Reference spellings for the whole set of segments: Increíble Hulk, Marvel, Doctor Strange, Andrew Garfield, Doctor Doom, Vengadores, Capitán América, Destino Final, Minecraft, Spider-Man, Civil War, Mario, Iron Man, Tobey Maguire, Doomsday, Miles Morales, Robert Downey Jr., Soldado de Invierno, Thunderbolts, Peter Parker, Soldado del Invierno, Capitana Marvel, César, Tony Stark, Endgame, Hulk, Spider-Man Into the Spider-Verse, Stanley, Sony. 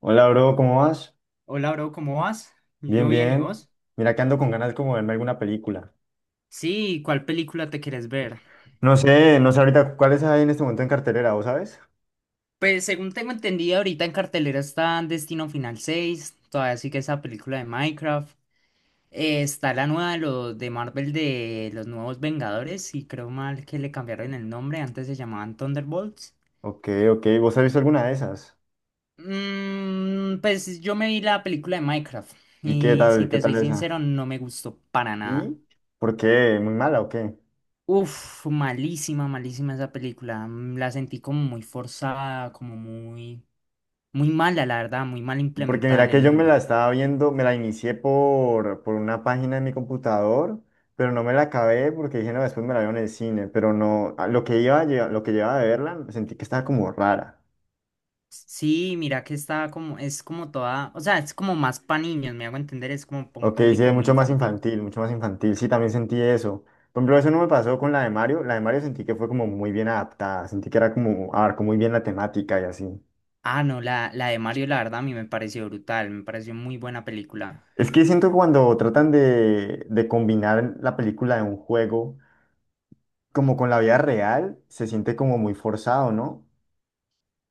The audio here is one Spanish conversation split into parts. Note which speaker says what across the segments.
Speaker 1: Hola, bro, ¿cómo vas?
Speaker 2: Hola, bro, ¿cómo vas?
Speaker 1: Bien,
Speaker 2: Yo bien, ¿y
Speaker 1: bien.
Speaker 2: vos?
Speaker 1: Mira que ando con ganas como de verme alguna película.
Speaker 2: Sí, ¿cuál película te quieres ver?
Speaker 1: No sé, no sé ahorita cuáles hay en este momento en cartelera, ¿vos sabes?
Speaker 2: Pues según tengo entendido, ahorita en cartelera está Destino Final 6, todavía sigue esa película de Minecraft. Está la nueva de Marvel de los nuevos Vengadores, y creo mal que le cambiaron el nombre, antes se llamaban Thunderbolts.
Speaker 1: Ok, ok, ¿vos has visto alguna de esas?
Speaker 2: Pues yo me vi la película de Minecraft,
Speaker 1: ¿Y
Speaker 2: y si
Speaker 1: qué
Speaker 2: te
Speaker 1: tal
Speaker 2: soy
Speaker 1: esa?
Speaker 2: sincero, no me gustó para nada.
Speaker 1: ¿Y por qué? ¿Muy mala o qué?
Speaker 2: Uf, malísima, malísima esa película. La sentí como muy forzada, muy mala, la verdad, muy mal
Speaker 1: Porque
Speaker 2: implementada en
Speaker 1: mira
Speaker 2: el
Speaker 1: que yo me
Speaker 2: mundo.
Speaker 1: la estaba viendo, me la inicié por una página de mi computador, pero no me la acabé porque dije, no, después me la veo en el cine, pero no, a lo que iba, lo que llevaba de verla, sentí que estaba como rara.
Speaker 2: Sí, mira que está como, es como toda, o sea, es como más para niños, me hago entender, es como para un
Speaker 1: Ok, sí,
Speaker 2: público
Speaker 1: es
Speaker 2: muy
Speaker 1: mucho más
Speaker 2: infantil.
Speaker 1: infantil, mucho más infantil. Sí, también sentí eso. Por ejemplo, eso no me pasó con la de Mario. La de Mario sentí que fue como muy bien adaptada, sentí que era como, abarcó muy bien la temática y así.
Speaker 2: Ah, no, la de Mario, la verdad, a mí me pareció brutal, me pareció muy buena película.
Speaker 1: Es que siento que cuando tratan de combinar la película de un juego como con la vida real, se siente como muy forzado, ¿no?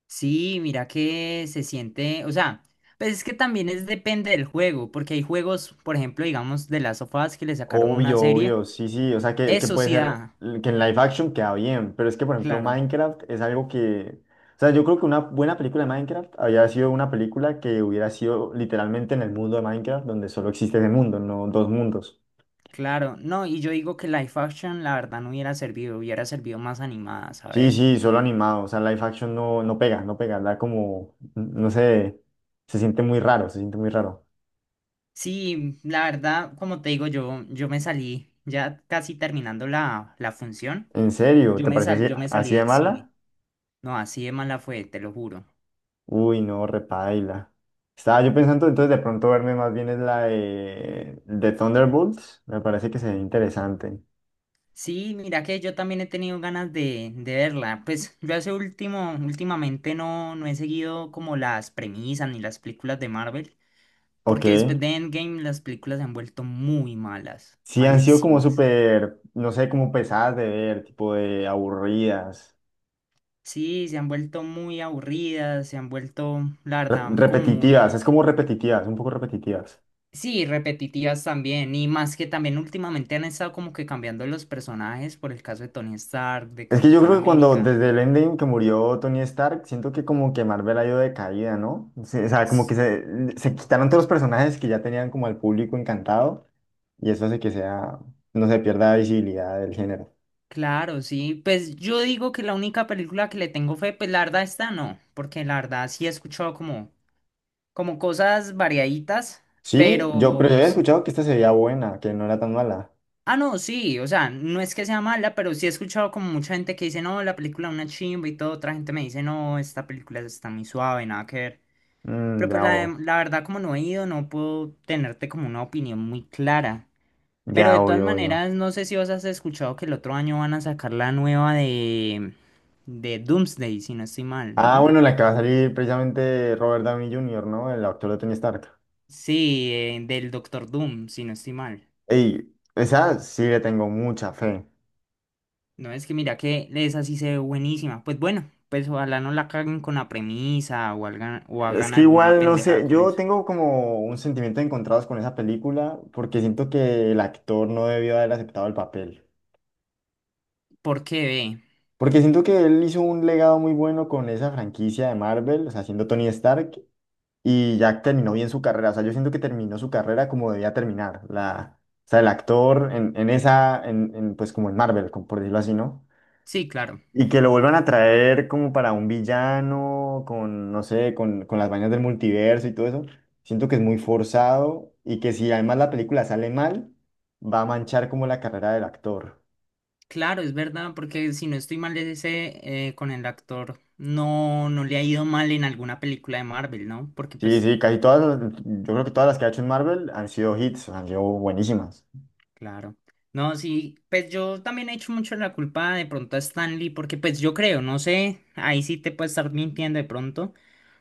Speaker 2: Sí, mira que se siente, o sea, pues es que también es depende del juego, porque hay juegos, por ejemplo, digamos, de las sofás que le sacaron una
Speaker 1: Obvio,
Speaker 2: serie.
Speaker 1: obvio, sí, sí, o sea que
Speaker 2: Eso
Speaker 1: puede
Speaker 2: sí
Speaker 1: ser
Speaker 2: da,
Speaker 1: que en live action queda bien, pero es que por ejemplo
Speaker 2: claro.
Speaker 1: Minecraft es algo que, o sea, yo creo que una buena película de Minecraft habría sido una película que hubiera sido literalmente en el mundo de Minecraft, donde solo existe ese mundo, no dos mundos.
Speaker 2: Claro, no, y yo digo que live action la verdad no hubiera servido, hubiera servido más animada,
Speaker 1: Sí,
Speaker 2: ¿sabes?
Speaker 1: sí, solo animado, o sea, live action no, no pega, no pega, da como, no sé, se siente muy raro, se siente muy raro.
Speaker 2: Sí, la verdad, como te digo, yo me salí, ya casi terminando la función,
Speaker 1: ¿En serio? ¿Te parece así,
Speaker 2: yo me salí
Speaker 1: así de
Speaker 2: del cine.
Speaker 1: mala?
Speaker 2: No, así de mala fue, te lo juro.
Speaker 1: Uy, no, repaila. Estaba yo pensando entonces de pronto verme más bien es la de Thunderbolts. Me parece que sería interesante.
Speaker 2: Sí, mira que yo también he tenido ganas de verla. Pues yo hace último, últimamente no, no he seguido como las premisas ni las películas de Marvel,
Speaker 1: Ok.
Speaker 2: porque después de Endgame las películas se han vuelto muy malas,
Speaker 1: Sí, han sido como
Speaker 2: malísimas.
Speaker 1: súper, no sé, como pesadas de ver, tipo de aburridas,
Speaker 2: Sí, se han vuelto muy aburridas, se han vuelto, la verdad, como muy,
Speaker 1: repetitivas, es como repetitivas, un poco repetitivas.
Speaker 2: sí, repetitivas también, y más que también últimamente han estado como que cambiando los personajes, por el caso de Tony Stark, de
Speaker 1: Es que yo
Speaker 2: Capitán
Speaker 1: creo que cuando
Speaker 2: América.
Speaker 1: desde el Endgame que murió Tony Stark, siento que como que Marvel ha ido de caída, ¿no? O sea, como
Speaker 2: S-
Speaker 1: que se quitaron todos los personajes que ya tenían como al público encantado. Y eso hace que sea, no se pierda la visibilidad del género.
Speaker 2: Claro, sí, pues yo digo que la única película que le tengo fe, pues la verdad esta no, porque la verdad sí he escuchado como, como cosas variaditas,
Speaker 1: Sí, yo, pero yo
Speaker 2: pero
Speaker 1: había escuchado que esta sería buena, que no era tan mala.
Speaker 2: Ah, no, sí, o sea, no es que sea mala, pero sí he escuchado como mucha gente que dice, no, la película es una chimba y todo, otra gente me dice, no, esta película está muy suave, nada que ver.
Speaker 1: Mm,
Speaker 2: Pero pues
Speaker 1: ya,
Speaker 2: la verdad, como no he ido, no puedo tenerte como una opinión muy clara. Pero
Speaker 1: ya,
Speaker 2: de todas
Speaker 1: obvio, obvio.
Speaker 2: maneras, no sé si vos has escuchado que el otro año van a sacar la nueva de Doomsday, si no estoy mal,
Speaker 1: Ah,
Speaker 2: ¿no?
Speaker 1: bueno, la que va a salir precisamente Robert Downey Jr., ¿no? El actor de Tony Stark.
Speaker 2: Sí, del Doctor Doom, si no estoy mal.
Speaker 1: Ey, esa sí le tengo mucha fe.
Speaker 2: No, es que mira que esa sí se ve buenísima. Pues bueno, pues ojalá no la caguen con la premisa o
Speaker 1: Es
Speaker 2: hagan
Speaker 1: que
Speaker 2: alguna
Speaker 1: igual, no
Speaker 2: pendejada
Speaker 1: sé,
Speaker 2: con
Speaker 1: yo
Speaker 2: eso.
Speaker 1: tengo como un sentimiento encontrados con esa película porque siento que el actor no debió haber aceptado el papel.
Speaker 2: ¿Por qué ve?
Speaker 1: Porque siento que él hizo un legado muy bueno con esa franquicia de Marvel, o sea, siendo Tony Stark, y ya terminó bien su carrera. O sea, yo siento que terminó su carrera como debía terminar. La, o sea, el actor en esa, en, pues como en Marvel, como por decirlo así, ¿no?
Speaker 2: Sí, claro.
Speaker 1: Y que lo vuelvan a traer como para un villano, con, no sé, con las vainas del multiverso y todo eso. Siento que es muy forzado y que si además la película sale mal, va a manchar como la carrera del actor.
Speaker 2: Claro, es verdad, porque si no estoy mal ese con el actor, no, no le ha ido mal en alguna película de Marvel, ¿no? Porque
Speaker 1: Sí,
Speaker 2: pues
Speaker 1: sí, casi todas, yo creo que todas las que ha hecho en Marvel han sido hits, han sido buenísimas.
Speaker 2: Claro. No, sí, pues yo también he hecho mucho la culpa de pronto a Stanley, porque pues yo creo, no sé, ahí sí te puede estar mintiendo de pronto,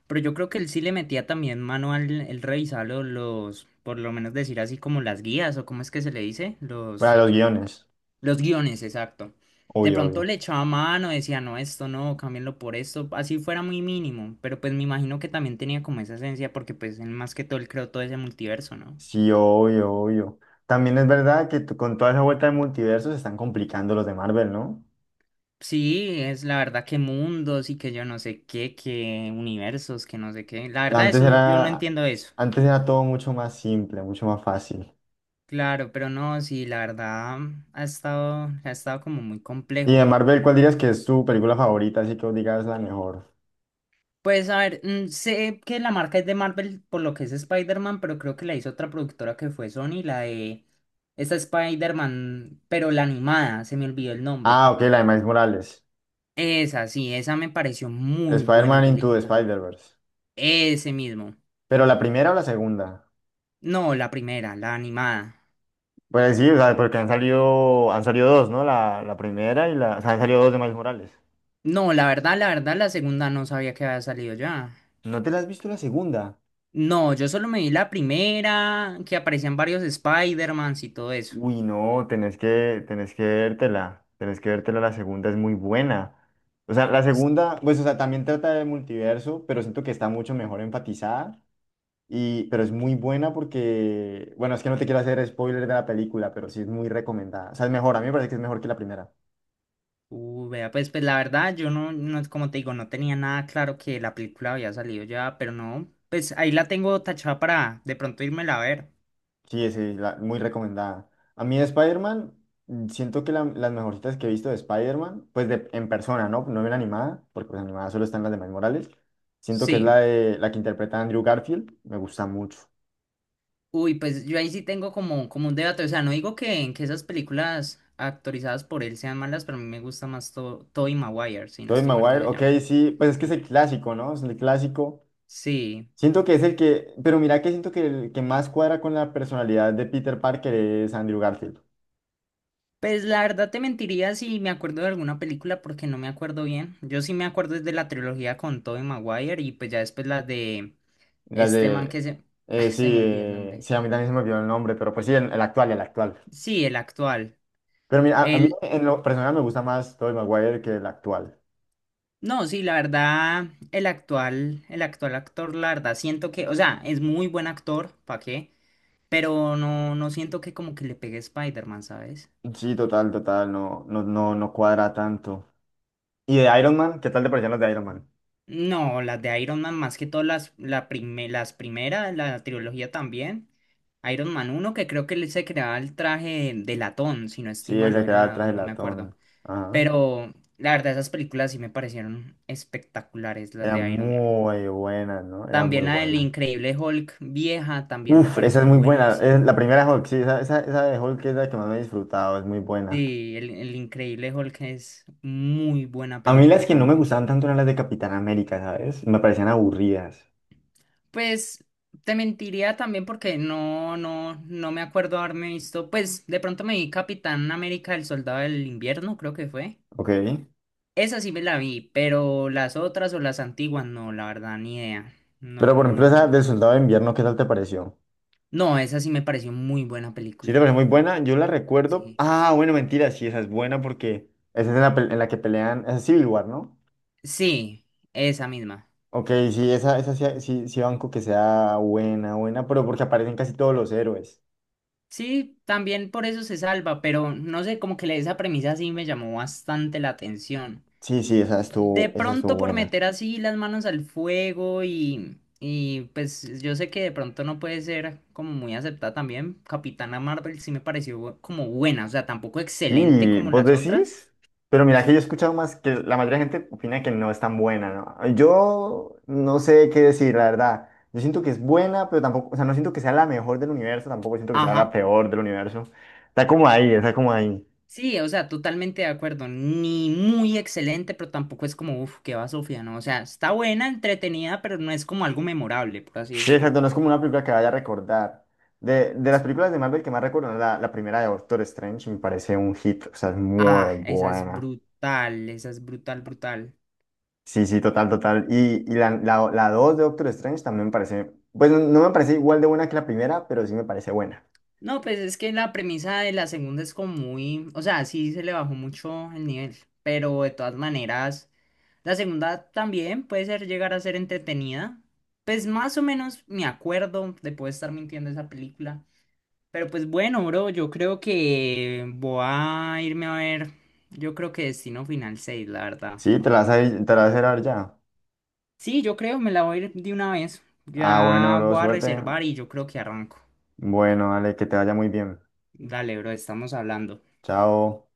Speaker 2: pero yo creo que él sí le metía también mano al el revisar por lo menos decir así como las guías, o cómo es que se le dice,
Speaker 1: Para los guiones,
Speaker 2: los guiones, exacto. De
Speaker 1: obvio,
Speaker 2: pronto
Speaker 1: obvio.
Speaker 2: le echaba mano, decía, no, esto no, cámbienlo por esto, así fuera muy mínimo, pero pues me imagino que también tenía como esa esencia, porque pues él más que todo él creó todo ese multiverso, ¿no?
Speaker 1: Sí, obvio, obvio. También es verdad que con toda esa vuelta de multiverso se están complicando los de Marvel, ¿no?
Speaker 2: Sí, es la verdad que mundos y que yo no sé qué, que universos, que no sé qué. La verdad,
Speaker 1: Antes
Speaker 2: eso yo no
Speaker 1: era,
Speaker 2: entiendo eso.
Speaker 1: antes era todo mucho más simple, mucho más fácil.
Speaker 2: Claro, pero no, sí, la verdad ha estado como muy
Speaker 1: Y de
Speaker 2: complejo.
Speaker 1: Marvel, ¿cuál dirías que es tu película favorita? Así que vos digas la mejor.
Speaker 2: Pues a ver, sé que la marca es de Marvel por lo que es Spider-Man, pero creo que la hizo otra productora que fue Sony, la de esta Spider-Man, pero la animada, se me olvidó el nombre.
Speaker 1: Ah, ok, la de Miles Morales.
Speaker 2: Esa, sí, esa me pareció muy buena
Speaker 1: Spider-Man Into the
Speaker 2: película.
Speaker 1: Spider-Verse.
Speaker 2: Ese mismo.
Speaker 1: Pero la primera o la segunda.
Speaker 2: No, la primera, la animada.
Speaker 1: Pues sí, o sea, porque han salido dos, ¿no? La primera y la. O sea, han salido dos de Miles Morales.
Speaker 2: No, la verdad, la verdad, la segunda no sabía que había salido ya.
Speaker 1: ¿No te la has visto la segunda?
Speaker 2: No, yo solo me vi la primera, que aparecían varios Spider-Mans y todo eso.
Speaker 1: Uy, no, tenés que vértela, la segunda es muy buena. O sea, la
Speaker 2: Es-
Speaker 1: segunda, pues, o sea, también trata del multiverso, pero siento que está mucho mejor enfatizada, y, pero es muy buena porque, bueno, es que no te quiero hacer spoiler de la película, pero sí es muy recomendada. O sea, es mejor, a mí me parece que es mejor que la primera.
Speaker 2: Vea, pues, pues la verdad, yo no, no, como te digo, no tenía nada claro que la película había salido ya, pero no, pues ahí la tengo tachada para de pronto írmela a ver.
Speaker 1: Sí, sí, muy recomendada. A mí de Spider-Man, mm, siento que las mejorcitas que he visto de Spider-Man, pues de, en persona, ¿no? No en animada, porque pues animada solo están las de Miles Morales. Siento que es la,
Speaker 2: Sí.
Speaker 1: de, la que interpreta Andrew Garfield, me gusta mucho.
Speaker 2: Uy, pues yo ahí sí tengo como, como un debate, o sea, no digo que esas películas actorizadas por él sean malas, pero a mí me gusta más Tobey Maguire, si no
Speaker 1: Tobey
Speaker 2: estoy mal que
Speaker 1: Maguire,
Speaker 2: se
Speaker 1: ok,
Speaker 2: llama.
Speaker 1: sí, pues es que es
Speaker 2: Sí.
Speaker 1: el clásico, ¿no? Es el clásico.
Speaker 2: Sí.
Speaker 1: Siento que es el que, pero mira que siento que el que más cuadra con la personalidad de Peter Parker es Andrew Garfield.
Speaker 2: Pues la verdad te mentiría si me acuerdo de alguna película porque no me acuerdo bien. Yo sí me acuerdo es de la trilogía con Tobey Maguire y pues ya después la de
Speaker 1: Las
Speaker 2: este man
Speaker 1: de,
Speaker 2: que se... ah,
Speaker 1: sí,
Speaker 2: se me olvidó el nombre.
Speaker 1: sí, a mí también se me olvidó el nombre, pero pues sí, el actual, el actual.
Speaker 2: Sí, el actual.
Speaker 1: Pero mira, a mí
Speaker 2: El...
Speaker 1: en lo personal me gusta más Tobey Maguire que el actual.
Speaker 2: No, sí, la verdad, el actual actor, la verdad, siento que, o sea, es muy buen actor, ¿para qué? Pero no siento que como que le pegue Spider-Man, ¿sabes?
Speaker 1: Sí, total, total, no, no, no, no cuadra tanto. ¿Y de Iron Man? ¿Qué tal te parecían los de Iron Man?
Speaker 2: No, las de Iron Man, más que todas las primeras, la trilogía también. Iron Man uno que creo que él se creaba el traje de latón, si no estoy
Speaker 1: Sí,
Speaker 2: mal,
Speaker 1: ese
Speaker 2: o
Speaker 1: que
Speaker 2: era
Speaker 1: era el traje
Speaker 2: nadón, no me acuerdo.
Speaker 1: latón. Ajá.
Speaker 2: Pero la verdad, esas películas sí me parecieron espectaculares, las
Speaker 1: Era
Speaker 2: de Iron Man.
Speaker 1: muy buena, ¿no? Era muy
Speaker 2: También la del
Speaker 1: buena.
Speaker 2: Increíble Hulk vieja también me
Speaker 1: Uf, esa es
Speaker 2: pareció
Speaker 1: muy buena.
Speaker 2: buenísima.
Speaker 1: Es la primera Hulk, sí, esa de Hulk es la que más me he disfrutado, es muy buena.
Speaker 2: Sí, el Increíble Hulk es muy buena
Speaker 1: A mí las
Speaker 2: película
Speaker 1: que no me
Speaker 2: también.
Speaker 1: gustaban tanto eran las de Capitán América, ¿sabes? Me parecían aburridas.
Speaker 2: Pues te mentiría también porque no me acuerdo haberme visto. Pues de pronto me vi Capitán América, el Soldado del Invierno, creo que fue.
Speaker 1: Ok.
Speaker 2: Esa sí me la vi, pero las otras o las antiguas, no, la verdad, ni idea.
Speaker 1: Pero por
Speaker 2: No,
Speaker 1: ejemplo,
Speaker 2: no me
Speaker 1: esa
Speaker 2: las
Speaker 1: del
Speaker 2: vi.
Speaker 1: Soldado de Invierno, ¿qué tal te pareció?
Speaker 2: No, esa sí me pareció muy buena
Speaker 1: Sí, te
Speaker 2: película.
Speaker 1: parece muy buena. Yo la recuerdo.
Speaker 2: Sí.
Speaker 1: Ah, bueno, mentira, sí, esa es buena porque esa es en la, en la que pelean. Esa es Civil War, ¿no?
Speaker 2: Sí, esa misma.
Speaker 1: Ok, sí, esa sí, sí, sí banco que sea buena, buena, pero porque aparecen casi todos los héroes.
Speaker 2: Sí, también por eso se salva, pero no sé, como que esa premisa sí me llamó bastante la atención.
Speaker 1: Sí, sí,
Speaker 2: De
Speaker 1: esa
Speaker 2: pronto
Speaker 1: estuvo
Speaker 2: por
Speaker 1: buena.
Speaker 2: meter así las manos al fuego y pues yo sé que de pronto no puede ser como muy aceptada también. Capitana Marvel sí me pareció como buena, o sea, tampoco excelente
Speaker 1: Sí,
Speaker 2: como
Speaker 1: vos
Speaker 2: las otras.
Speaker 1: decís, pero mira que yo he escuchado más que la mayoría de gente opina que no es tan buena, ¿no? Yo no sé qué decir, la verdad. Yo siento que es buena, pero tampoco, o sea, no siento que sea la mejor del universo, tampoco siento que sea la
Speaker 2: Ajá.
Speaker 1: peor del universo. Está como ahí, está como ahí.
Speaker 2: Sí, o sea, totalmente de acuerdo. Ni muy excelente, pero tampoco es como, uff, qué va Sofía, ¿no? O sea, está buena, entretenida, pero no es como algo memorable, por así
Speaker 1: Sí,
Speaker 2: decirlo.
Speaker 1: exacto, no es como una película que vaya a recordar. De las películas de Marvel que más recuerdo, ¿no? La primera de Doctor Strange me parece un hit, o sea, es muy
Speaker 2: Ah,
Speaker 1: buena.
Speaker 2: esa es brutal, brutal.
Speaker 1: Sí, sí, total, total. Y la, la, la dos de Doctor Strange también me parece, pues no, no me parece igual de buena que la primera, pero sí me parece buena.
Speaker 2: No, pues es que la premisa de la segunda es como muy, o sea, sí se le bajó mucho el nivel, pero de todas maneras, la segunda también puede ser llegar a ser entretenida. Pues más o menos me acuerdo de poder estar mintiendo esa película. Pero pues bueno, bro, yo creo que voy a irme a ver, yo creo que Destino Final seis, la verdad.
Speaker 1: Sí, te la vas a, te la vas a ir a ver ya.
Speaker 2: Sí, yo creo, me la voy a ir de una vez.
Speaker 1: Ah, bueno,
Speaker 2: Ya
Speaker 1: bro,
Speaker 2: voy a
Speaker 1: suerte.
Speaker 2: reservar y yo creo que arranco.
Speaker 1: Bueno, dale, que te vaya muy bien.
Speaker 2: Dale, bro, estamos hablando.
Speaker 1: Chao.